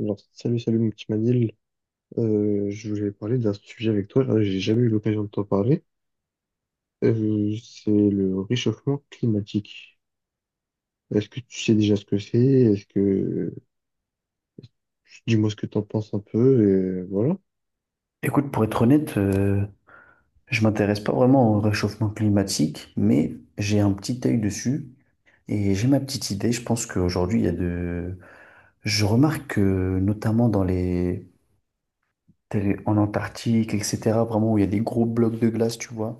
Alors, salut, salut mon petit Manil. Je voulais parler d'un sujet avec toi. Là, j'ai jamais eu l'occasion de t'en parler. C'est le réchauffement climatique. Est-ce que tu sais déjà ce que c'est? Est-ce que Dis-moi ce que t'en penses un peu et voilà. Écoute, pour être honnête, je m'intéresse pas vraiment au réchauffement climatique, mais j'ai un petit œil dessus et j'ai ma petite idée. Je pense qu'aujourd'hui, il y a de... Je remarque que notamment dans les... en Antarctique, etc., vraiment où il y a des gros blocs de glace, tu vois,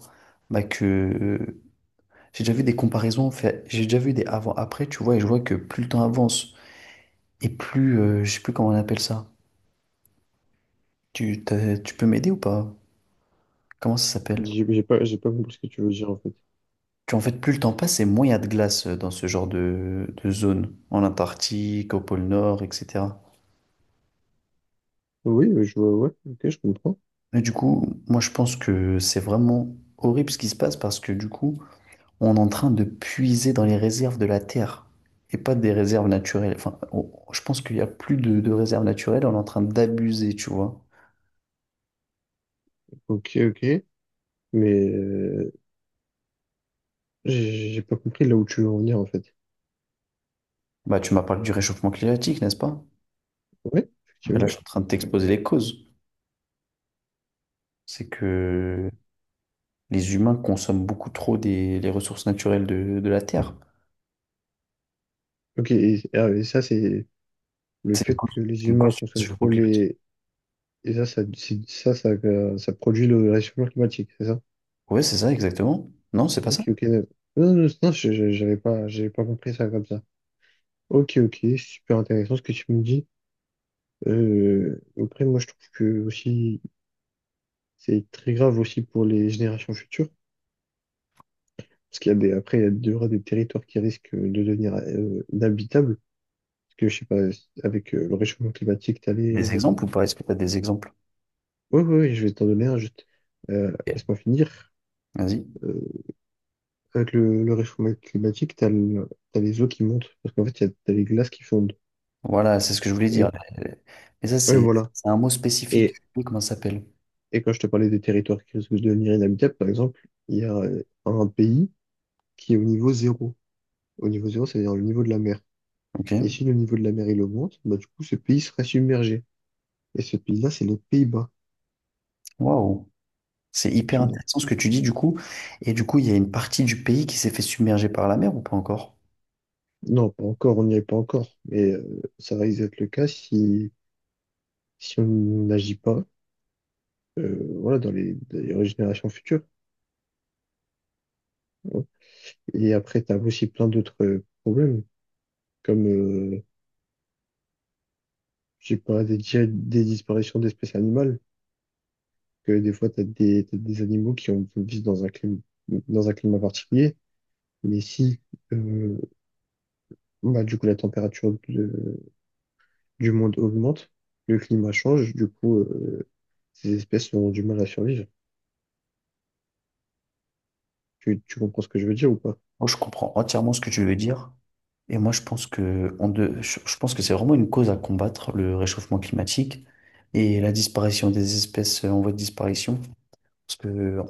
bah que j'ai déjà vu des comparaisons, fait... j'ai déjà vu des avant-après, tu vois, et je vois que plus le temps avance et plus, je sais plus comment on appelle ça. Tu peux m'aider ou pas? Comment ça s'appelle? J'ai pas compris ce que tu veux dire en fait. Puis en fait, plus le temps passe et moins il y a de glace dans ce genre de zone, en Antarctique, au pôle Nord, etc. Oui, je vois, ouais, ok, je comprends. Mais du coup, moi je pense que c'est vraiment horrible ce qui se passe parce que du coup, on est en train de puiser dans les réserves de la Terre et pas des réserves naturelles. Enfin, je pense qu'il n'y a plus de réserves naturelles, on est en train d'abuser, tu vois. Ok, ok, mais j'ai pas compris là où tu veux en venir en fait. Bah, tu m'as parlé du réchauffement climatique, n'est-ce pas? Ouais, Mais là, je effectivement. suis en train de t'exposer les causes. C'est que les humains consomment beaucoup trop des, les ressources naturelles de la Terre. Ok, et, ah, et ça c'est le C'est une, fait cons- que les c'est une humains consultation sur consomment le changement trop climatique. les... Ça produit le réchauffement climatique, c'est ça? Oui, c'est ça, exactement. Non, c'est pas ça. Ok, ok. Non, non, non, non, j'avais pas compris ça comme ça. Ok, ok, super intéressant ce que tu me dis. Après, moi, je trouve que aussi, c'est très grave aussi pour les générations futures. Parce qu'il y a des, après, il y a des, il y aura des territoires qui risquent de devenir inhabitables. Parce que, je sais pas, avec le réchauffement climatique, t'as les... Des exemples ou pas? Est-ce que tu as des exemples? Ouais, ouais, ouais, je vais t'en donner un, juste. Laisse-moi finir. Vas-y. Euh, Avec le réchauffement climatique, t'as les eaux qui montent, parce qu'en fait, t'as les glaces qui fondent. Voilà, c'est ce que je voulais dire. Et Mais ça, ouais, voilà. c'est un mot spécifique. Et, Je sais plus comment ça s'appelle. et quand je te parlais des territoires qui risquent de devenir inhabitables, par exemple, il y a un pays qui est au niveau zéro. Au niveau zéro, c'est-à-dire le niveau de la mer. Ok. Et si le niveau de la mer, il augmente, bah, du coup, ce pays serait submergé. Et ce pays-là, c'est les Pays-Bas, Waouh. C'est hyper effectivement. intéressant ce que tu dis, du coup. Et du coup, il y a une partie du pays qui s'est fait submerger par la mer ou pas encore? Non, pas encore, on n'y est pas encore. Mais ça risque d'être le cas si, si on n'agit pas, voilà, dans les générations futures. Et après, tu as aussi plein d'autres problèmes, comme, je sais pas, des, déjà des disparitions d'espèces animales, que des fois, tu as des, t'as des animaux qui ont, vivent dans un climat particulier, mais si, euh, bah, du coup, du monde augmente, le climat change, du coup, ces espèces auront du mal à survivre. Tu comprends ce que je veux dire ou pas? Oh, je comprends entièrement ce que tu veux dire. Et moi, je pense que, on de- je pense que c'est vraiment une cause à combattre, le réchauffement climatique et la disparition des espèces en voie de disparition. Parce que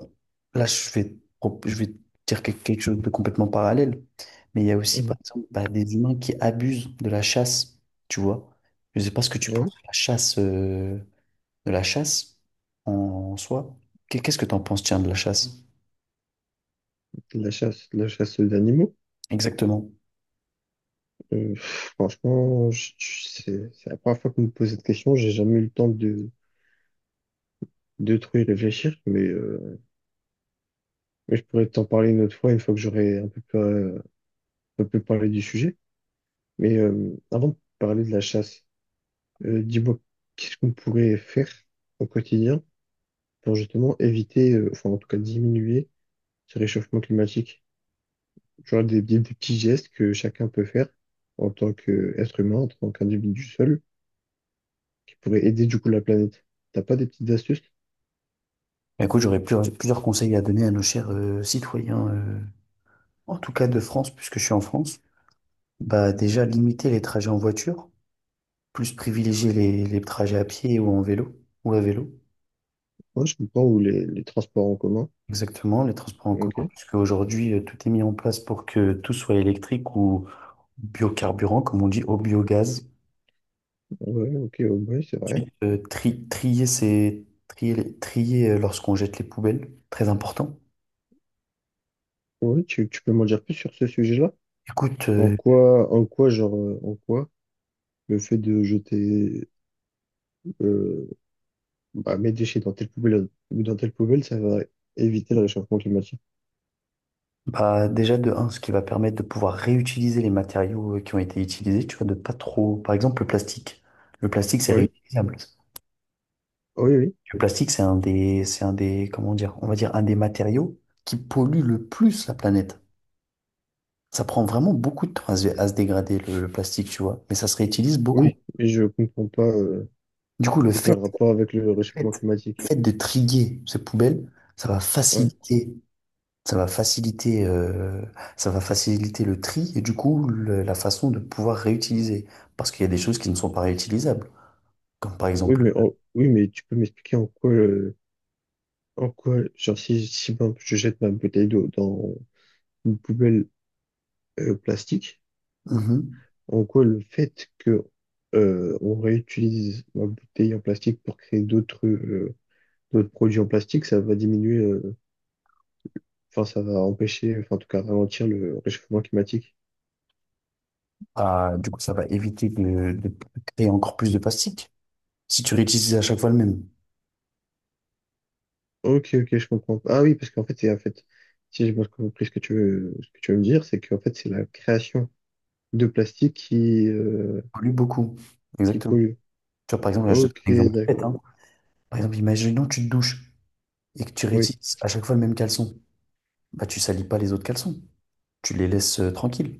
là, je vais dire quelque chose de complètement parallèle. Mais il y a aussi, par Mhm. exemple, bah, des humains qui abusent de la chasse, tu vois. Je ne sais pas ce que tu Ouais, penses de la chasse en soi. Qu'est-ce que tu en penses, tiens, de la chasse? De la chasse aux animaux. Exactement. Franchement, c'est la première fois que vous me posez cette question. J'ai jamais eu le temps de trop y réfléchir, mais je pourrais t'en parler une autre fois, une fois que j'aurai un peu plus parlé du sujet. Mais avant de parler de la chasse, dis-moi, qu'est-ce qu'on pourrait faire au quotidien pour justement éviter, enfin en tout cas diminuer ce réchauffement climatique? Tu vois, des, des petits gestes que chacun peut faire en tant qu'être humain, en tant qu'individu seul, qui pourraient aider du coup la planète. T'as pas des petites astuces? Bah, écoute, plusieurs conseils à donner à nos chers citoyens, en tout cas de France, puisque je suis en France. Bah, déjà, limiter les trajets en voiture, plus privilégier les trajets à pied ou en vélo, ou à vélo. Moi, je comprends, ou les transports en commun. Exactement, les transports en commun, Ok, puisque aujourd'hui, tout est mis en place pour que tout soit électrique ou biocarburant, comme on dit, au biogaz. ouais, ok, ouais, ouais, c'est vrai. Ensuite, trier, c'est trier, trier lorsqu'on jette les poubelles, très important. Ouais, tu peux m'en dire plus sur ce sujet-là? Écoute, En quoi, genre, en quoi le fait de jeter euh, bah, mes déchets dans telle poubelle, ou dans telle poubelle, ça va éviter le réchauffement climatique. bah, déjà de un, ce qui va permettre de pouvoir réutiliser les matériaux qui ont été utilisés, tu vois, de pas trop, par exemple, le plastique. Le plastique, c'est Oui, réutilisable. oui, oui, Le plastique, c'est un des, comment dire, on va dire, un des matériaux qui pollue le plus la planète. Ça prend vraiment beaucoup de temps à à se dégrader le plastique, tu vois. Mais ça se réutilise beaucoup. oui, mais je comprends pas, Du coup, c'est quoi le rapport avec le fait, réchauffement climatique? fait de trier ces poubelles, Ouais. Ça va faciliter, euh, ça va faciliter le tri et du coup la façon de pouvoir réutiliser. Parce qu'il y a des choses qui ne sont pas réutilisables, comme par Oui, exemple. mais oui, mais tu peux m'expliquer en quoi, genre si, si par exemple, je jette ma bouteille d'eau dans une poubelle plastique, Mhm. en quoi le fait que on réutilise ma bouteille en plastique pour créer d'autres d'autres produits en plastique, ça va diminuer enfin, ça va empêcher, enfin, en tout cas, ralentir le réchauffement climatique. Ah, du coup, ça va éviter de créer encore plus de plastique. Si tu réutilises à chaque fois le même, tu Ok, ok, je comprends. Ah oui, parce qu'en fait, c'est en fait, si j'ai bien compris ce que tu veux, ce que tu veux me dire, c'est qu'en fait, c'est la création de plastique pollues beaucoup. qui Exactement. pollue. Tu vois, par exemple, là, je te donne Ok, un exemple tout bête, d'accord. hein. Par exemple, imaginons que tu te douches et que tu Oui. réutilises à chaque fois le même caleçon, bah tu salis pas les autres caleçons. Tu les laisses tranquilles.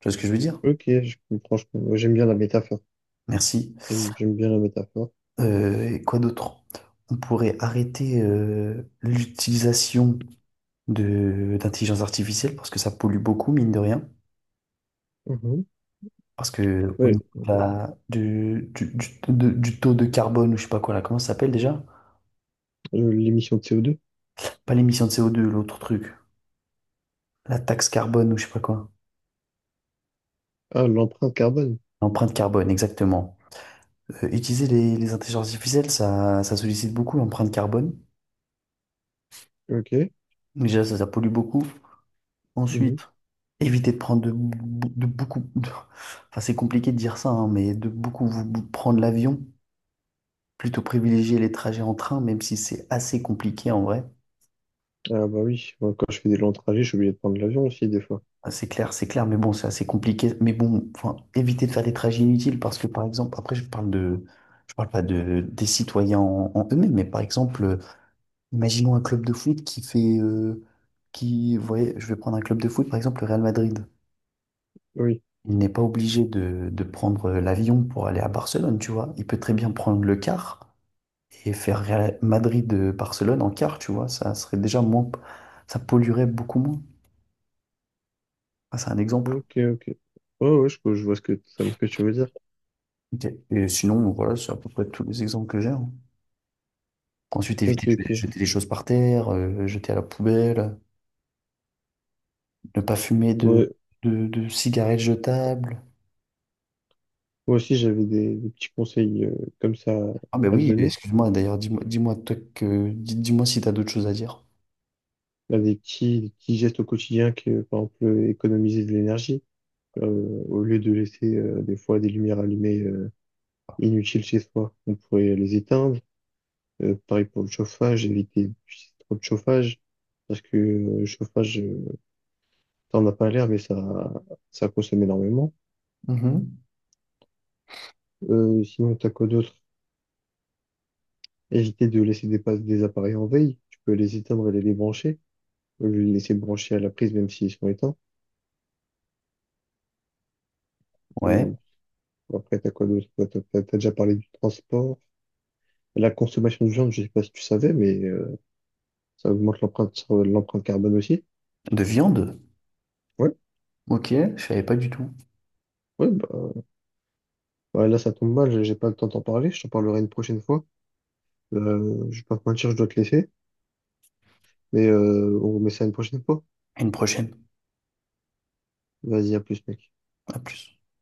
Tu vois ce que je veux dire? Ok, je comprends. Je comprends. J'aime bien la métaphore. Merci. J'aime, j'aime bien la métaphore. Et quoi d'autre? On pourrait arrêter l'utilisation de d'intelligence artificielle parce que ça pollue beaucoup, mine de rien. Mhm. Parce que au Oui, niveau de du taux de carbone ou je sais pas quoi là, comment ça s'appelle déjà? L'émission de CO2. Pas l'émission de CO2, l'autre truc. La taxe carbone ou je sais pas quoi. Ah, l'empreinte carbone. L'empreinte carbone, exactement. Utiliser les intelligences artificielles, ça sollicite beaucoup l'empreinte carbone. Ok. Déjà, ça pollue beaucoup. Mhm. Ensuite, éviter de prendre de beaucoup... enfin, c'est compliqué de dire ça, hein, mais de beaucoup prendre l'avion. Plutôt privilégier les trajets en train, même si c'est assez compliqué en vrai. Ah bah oui, moi, quand je fais des longs trajets, je suis obligé de prendre l'avion aussi des fois. Ah, c'est clair, c'est clair, mais bon, c'est assez compliqué. Mais bon, enfin, éviter de faire des trajets inutiles parce que, par exemple, après, je parle de... Je parle pas des citoyens en eux-mêmes, mais par exemple, imaginons un club de foot qui fait, qui, vous voyez, je vais prendre un club de foot, par exemple le Real Madrid. Oui. Il n'est pas obligé de prendre l'avion pour aller à Barcelone, tu vois. Il peut très bien prendre le car et faire Madrid-Barcelone en car, tu vois. Ça serait déjà moins, ça polluerait beaucoup moins. Ah, c'est un exemple. Ok, ok. Ouais, ouais, je vois ce que, ce que tu veux dire. Ok. Et sinon, voilà, c'est à peu près tous les exemples que j'ai, hein. Ensuite, éviter Ok, de ok. jeter les choses par terre, jeter à la poubelle, ne pas fumer Ouais. De cigarettes jetables. Moi aussi, j'avais des petits conseils comme ça Ah ben à te oui, donner. excuse-moi, d'ailleurs, dis-moi, dis-moi si t'as d'autres choses à dire. Là, des petits gestes au quotidien que, par exemple, économiser de l'énergie. Euh, Au lieu de laisser des fois des lumières allumées inutiles chez soi, on pourrait les éteindre. Pareil pour le chauffage, éviter d'utiliser trop de chauffage. Parce que le chauffage, t'en as pas l'air, mais ça consomme énormément. Mhm. Sinon, t'as quoi d'autre? Éviter de laisser des, des appareils en veille. Tu peux les éteindre et les débrancher. Au lieu de les laisser brancher à la prise, même s'ils sont éteints. Euh, Ouais, Après, t'as quoi d'autre? Quoi, t'as, t'as déjà parlé du transport. La consommation de viande, je sais pas si tu savais, mais ça augmente l'empreinte carbone aussi. de viande. Ouais, Ok, je savais pas du tout. ouais, bah, bah là, ça tombe mal, j'ai pas le temps d'en parler. Je t'en parlerai une prochaine fois. Je vais pas te mentir, je dois te laisser. Mais on remet ça une prochaine fois. À une prochaine. Vas-y, à plus, mec. À plus.